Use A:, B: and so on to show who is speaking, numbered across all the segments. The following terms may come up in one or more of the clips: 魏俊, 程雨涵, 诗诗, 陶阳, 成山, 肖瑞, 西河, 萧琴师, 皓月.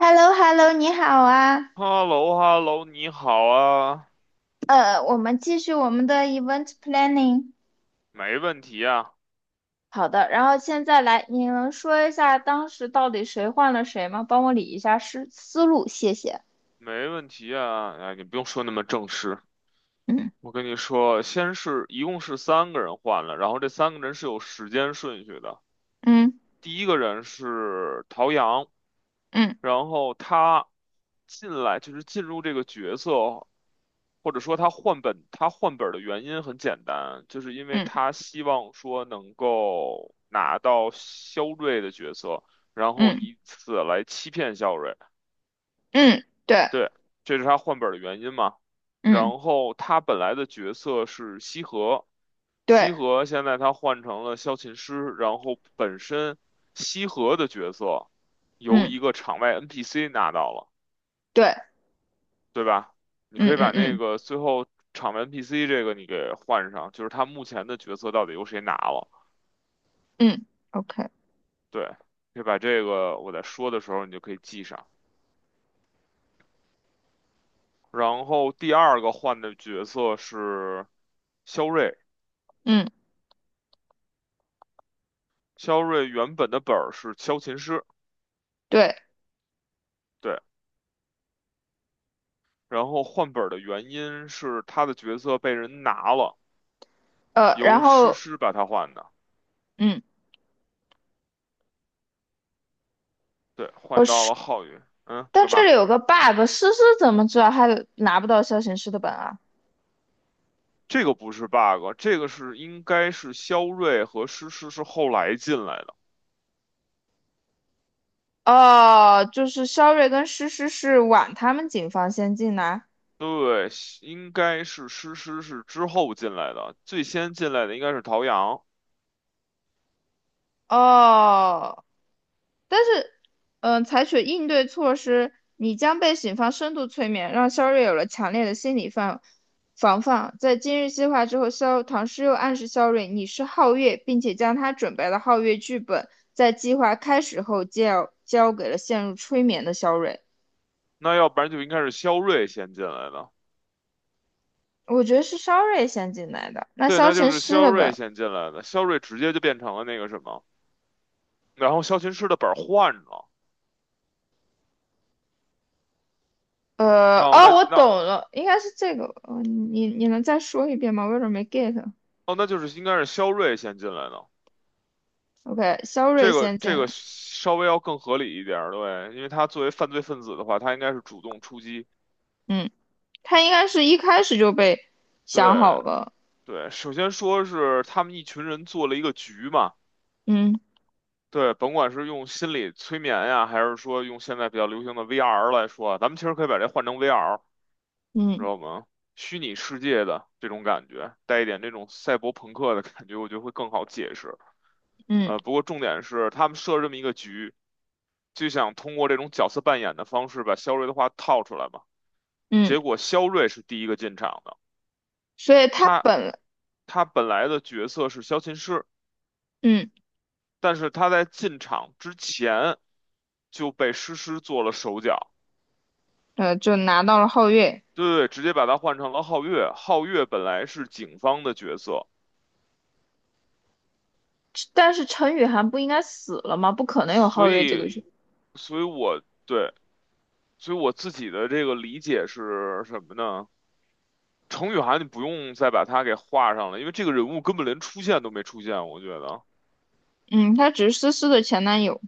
A: h e l l o h e l l o 你好啊。
B: h e l l o h e l l o 你好啊。
A: 我们继续我们的 event planning。
B: 没问题啊，
A: 好的，然后现在来，你能说一下当时到底谁换了谁吗？帮我理一下思路，谢谢。
B: 没问题啊，哎，你不用说那么正式。
A: 嗯
B: 我跟你说，一共是三个人换了，然后这三个人是有时间顺序的。
A: 嗯
B: 第一个人是陶阳，
A: 嗯
B: 然后他进来就是进入这个角色，或者说他换本的原因很简单，就是因为
A: 嗯
B: 他希望说能够拿到肖瑞的角色，然后
A: 嗯
B: 以此来欺骗肖瑞。
A: 嗯，对，
B: 对，这是他换本儿的原因嘛。
A: 嗯
B: 然后他本来的角色是西河，
A: 对，
B: 西河现在他换成了萧琴师，然后本身西河的角色由
A: 嗯
B: 一个场外 NPC 拿到了，
A: 对，
B: 对吧？你
A: 嗯
B: 可以
A: 嗯
B: 把那
A: 嗯
B: 个最后场外 NPC 这个你给换上，就是他目前的角色到底由谁拿了？
A: 嗯，OK，
B: 对，可以把这个我在说的时候你就可以记上。然后第二个换的角色是肖瑞。
A: 嗯
B: 肖瑞原本的本儿是萧琴师，
A: 对，
B: 对，然后换本儿的原因是他的角色被人拿了，
A: 然
B: 由诗
A: 后
B: 诗把他换的，
A: 嗯，
B: 对，
A: 我
B: 换到
A: 是，
B: 了浩宇。嗯，
A: 但
B: 干
A: 这
B: 嘛？
A: 里有个 bug，思思怎么知道他拿不到消行师的本啊？
B: 这个不是 bug，应该是肖瑞和诗诗是后来进来的，
A: 哦，就是肖瑞跟诗诗是晚他们警方先进来。
B: 对，应该是诗诗是之后进来的，最先进来的应该是陶阳，
A: 哦，但是，采取应对措施，你将被警方深度催眠，让肖瑞有了强烈的心理防范。在今日计划之后，肖唐诗又暗示肖瑞你是皓月，并且将他准备的皓月剧本在计划开始后交给了陷入催眠的肖瑞。
B: 那要不然就应该是肖瑞先进来的，
A: 我觉得是肖瑞先进来的，那
B: 对，
A: 肖
B: 那就
A: 成
B: 是
A: 诗
B: 肖
A: 了
B: 瑞
A: 吧？
B: 先进来的，肖瑞直接就变成了那个什么。然后肖琴师的本换了，哦，
A: 哦，
B: 那
A: 我懂
B: 那
A: 了，应该是这个。你能再说一遍吗？我有点没 get。
B: 哦，那就是应该是肖瑞先进来的，
A: OK，肖瑞
B: 这个
A: 先进
B: 这
A: 来，
B: 个稍微要更合理一点儿，对，因为他作为犯罪分子的话，他应该是主动出击，
A: 嗯，他应该是一开始就被想
B: 对
A: 好了，
B: 对，首先说是他们一群人做了一个局嘛，
A: 嗯
B: 对，甭管是用心理催眠呀，还是说用现在比较流行的 VR 来说啊，咱们其实可以把这换成 VR，知
A: 嗯
B: 道吗？虚拟世界的这种感觉，带一点这种赛博朋克的感觉，我觉得会更好解释。
A: 嗯
B: 不过重点是他们设这么一个局，就想通过这种角色扮演的方式把肖瑞的话套出来嘛。
A: 嗯，
B: 结果肖瑞是第一个进场的，
A: 所以他
B: 他
A: 本来
B: 他本来的角色是萧琴师，
A: 嗯
B: 但是他在进场之前就被诗诗做了手脚，
A: 就拿到了皓月。
B: 对，直接把他换成了皓月。皓月本来是警方的角色。
A: 但是陈雨涵不应该死了吗？不可能有
B: 所
A: 皓月这个
B: 以，
A: 人，
B: 所以我对，所以我自己的这个理解是什么呢？程雨涵，你不用再把他给画上了，因为这个人物根本连出现都没出现，我觉得，
A: 嗯，他只是思思的前男友，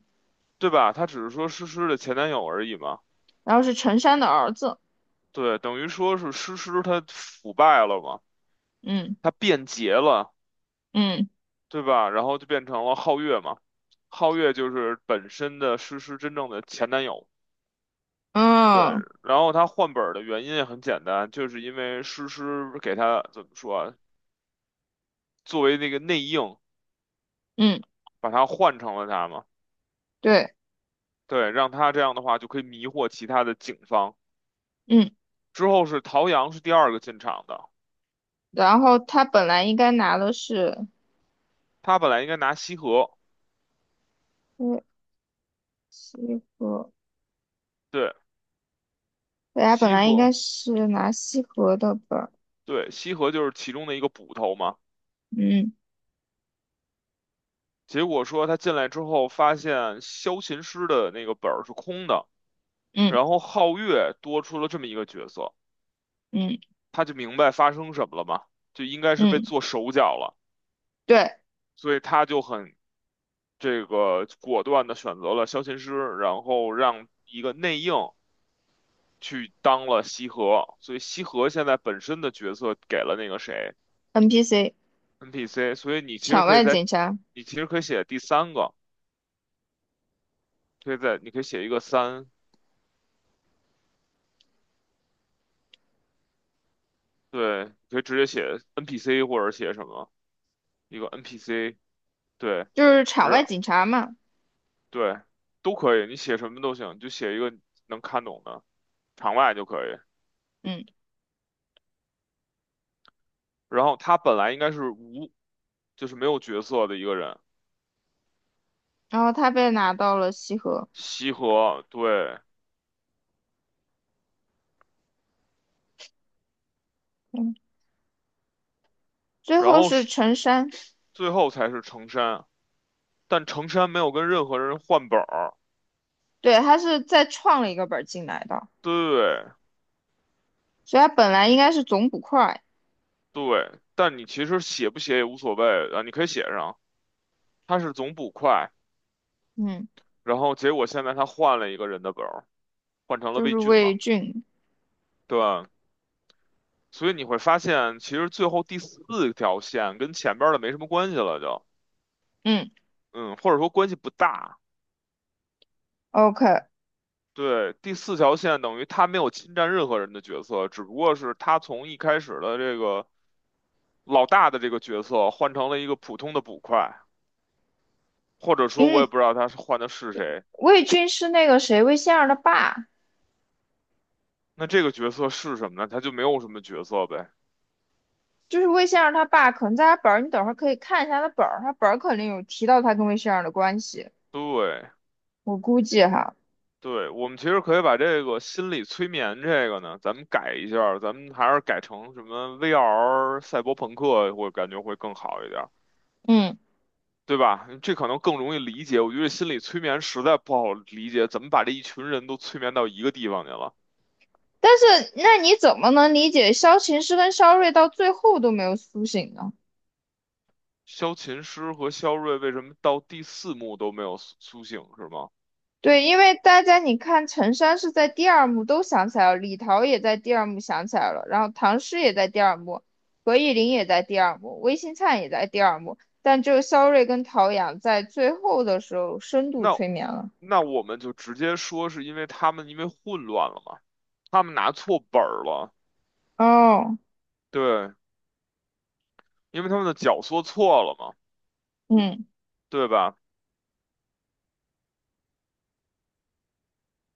B: 对吧？他只是说诗诗的前男友而已嘛，
A: 然后是陈山的儿子，
B: 对，等于说是诗诗他腐败了嘛，
A: 嗯
B: 他变节了，
A: 嗯
B: 对吧？然后就变成了皓月嘛，皓月就是本身的诗诗真正的前男友。对，
A: 嗯
B: 然后他换本儿的原因也很简单，就是因为诗诗给他怎么说啊？作为那个内应，
A: 嗯，
B: 把他换成了他嘛。
A: 对，
B: 对，让他这样的话就可以迷惑其他的警方。
A: 嗯，
B: 之后是陶阳是第二个进场的，
A: 然后他本来应该拿的是。
B: 他本来应该拿西河，
A: 对，西河，
B: 对，
A: 大家本
B: 西
A: 来应该
B: 河，
A: 是拿西河的本。
B: 对，西河就是其中的一个捕头嘛。
A: 嗯
B: 结果说他进来之后，发现萧琴师的那个本儿是空的，然
A: 嗯
B: 后皓月多出了这么一个角色，
A: 嗯
B: 他就明白发生什么了嘛，就应该是被
A: 嗯，
B: 做手脚了，
A: 对
B: 所以他就很这个果断的选择了萧琴师，然后让一个内应去当了西河，所以西河现在本身的角色给了那个谁
A: ，NPC
B: NPC，所以
A: 场外警察
B: 你其实可以写第三个，可以在你可以写一个三，对，你可以直接写 NPC 或者写什么一个 NPC，对，
A: 就是场外
B: 是，
A: 警察嘛。
B: 对，都可以，你写什么都行，你就写一个能看懂的场外就可以。
A: 嗯，
B: 然后他本来应该是无，就是没有角色的一个人。
A: 然后他被拿到了西河，
B: 西河，对，
A: 嗯，最
B: 然
A: 后
B: 后
A: 是
B: 是
A: 陈山，
B: 最后才是成山，但成山没有跟任何人换本儿，
A: 对，他是再创了一个本儿进来的，
B: 对
A: 所以他本来应该是总捕快，
B: 对，但你其实写不写也无所谓啊，你可以写上，他是总捕快，
A: 嗯，
B: 然后结果现在他换了一个人的本儿，换成了
A: 就
B: 魏
A: 是
B: 俊
A: 魏
B: 嘛，
A: 俊，
B: 对，所以你会发现其实最后第四条线跟前边儿的没什么关系了就，
A: 嗯
B: 嗯，或者说关系不大。
A: ，OK，
B: 对，第四条线等于他没有侵占任何人的角色，只不过是他从一开始的这个老大的这个角色换成了一个普通的捕快，或者
A: 因
B: 说我也
A: 为
B: 不知道他是换的是谁。
A: 魏俊是那个谁魏仙儿的爸，
B: 那这个角色是什么呢？他就没有什么角色呗。
A: 就是魏先生他爸，可能在他本儿，你等会儿可以看一下他本儿，他本儿肯定有提到他跟魏先生的关系，
B: 对，
A: 我估计哈，
B: 对，我们其实可以把这个心理催眠这个呢，咱们改一下儿咱们还是改成什么 VR 赛博朋克，我感觉会更好一点。
A: 嗯，
B: 对吧？这可能更容易理解。我觉得心理催眠实在不好理解，怎么把这一群人都催眠到一个地方去了？
A: 但是那你怎么能理解萧琴师跟萧睿到最后都没有苏醒呢？
B: 萧琴师和萧睿为什么到第四幕都没有苏醒，是吗？
A: 对，因为大家你看，陈山是在第二幕都想起来了，李桃也在第二幕想起来了，然后唐诗也在第二幕，何以琳也在第二幕，魏新灿也在第二幕，但只有萧睿跟陶阳在最后的时候深度
B: 那
A: 催眠了。
B: 那我们就直接说是因为他们因为混乱了嘛，他们拿错本儿了，
A: 哦，
B: 对，因为他们的脚说错了嘛，
A: 嗯。
B: 对吧？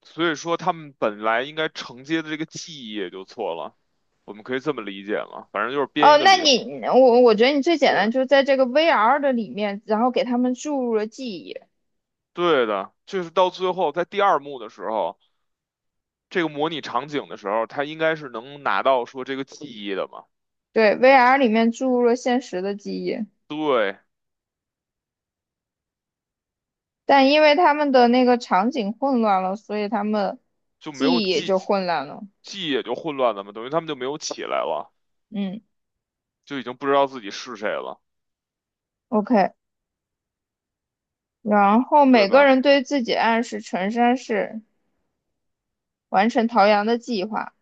B: 所以说他们本来应该承接的这个记忆也就错了，我们可以这么理解嘛，反正就是编
A: 哦，
B: 一个
A: 那
B: 理儿，
A: 你我觉得你最简单
B: 对。
A: 就是在这个 VR 的里面，然后给他们注入了记忆，
B: 对的，就是到最后在第二幕的时候，这个模拟场景的时候，他应该是能拿到说这个记忆的嘛？
A: 对，VR 里面注入了现实的记忆，
B: 对，
A: 但因为他们的那个场景混乱了，所以他们
B: 就没有
A: 记忆也
B: 记，
A: 就混乱了。
B: 记忆也就混乱了嘛，等于他们就没有起来了，
A: 嗯
B: 就已经不知道自己是谁了，
A: ，OK，然后
B: 对
A: 每个
B: 吧？
A: 人对自己暗示，陈山是。完成陶阳的计划。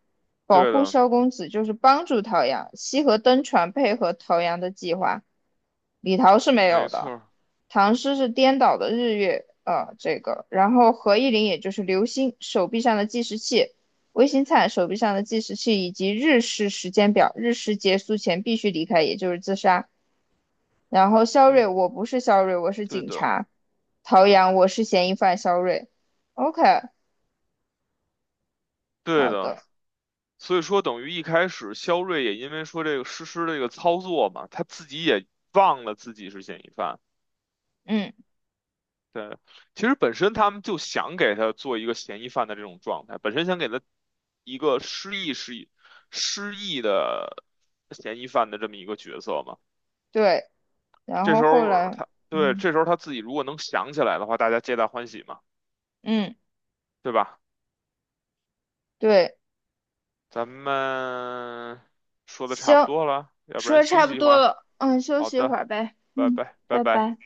A: 保
B: 对
A: 护
B: 的，
A: 萧公子就是帮助陶阳，西河登船配合陶阳的计划。李桃是没有
B: 没错
A: 的，
B: 儿
A: 唐诗是颠倒的日月，这个，然后何意林也就是流星手臂上的计时器，魏新灿手臂上的计时器以及日食时间表，日食结束前必须离开，也就是自杀。然后肖瑞，
B: 嗯，
A: 我不是肖瑞，我是
B: 对
A: 警
B: 的，
A: 察。陶阳，我是嫌疑犯肖瑞。OK，
B: 对
A: 好
B: 的。
A: 的，
B: 所以说，等于一开始肖瑞也因为说这个实施这个操作嘛，他自己也忘了自己是嫌疑犯。
A: 嗯，
B: 对，其实本身他们就想给他做一个嫌疑犯的这种状态，本身想给他一个失忆的嫌疑犯的这么一个角色嘛。
A: 对。然后后来，嗯
B: 这时候他自己如果能想起来的话，大家皆大欢喜嘛，
A: 嗯，
B: 对吧？
A: 对，
B: 咱们说的差不
A: 行，
B: 多了，要不
A: 说
B: 然
A: 的
B: 休
A: 差不
B: 息一会
A: 多
B: 儿啊。
A: 了，嗯，休
B: 好
A: 息一会
B: 的，
A: 儿呗，
B: 拜
A: 嗯，
B: 拜，拜
A: 拜
B: 拜。
A: 拜。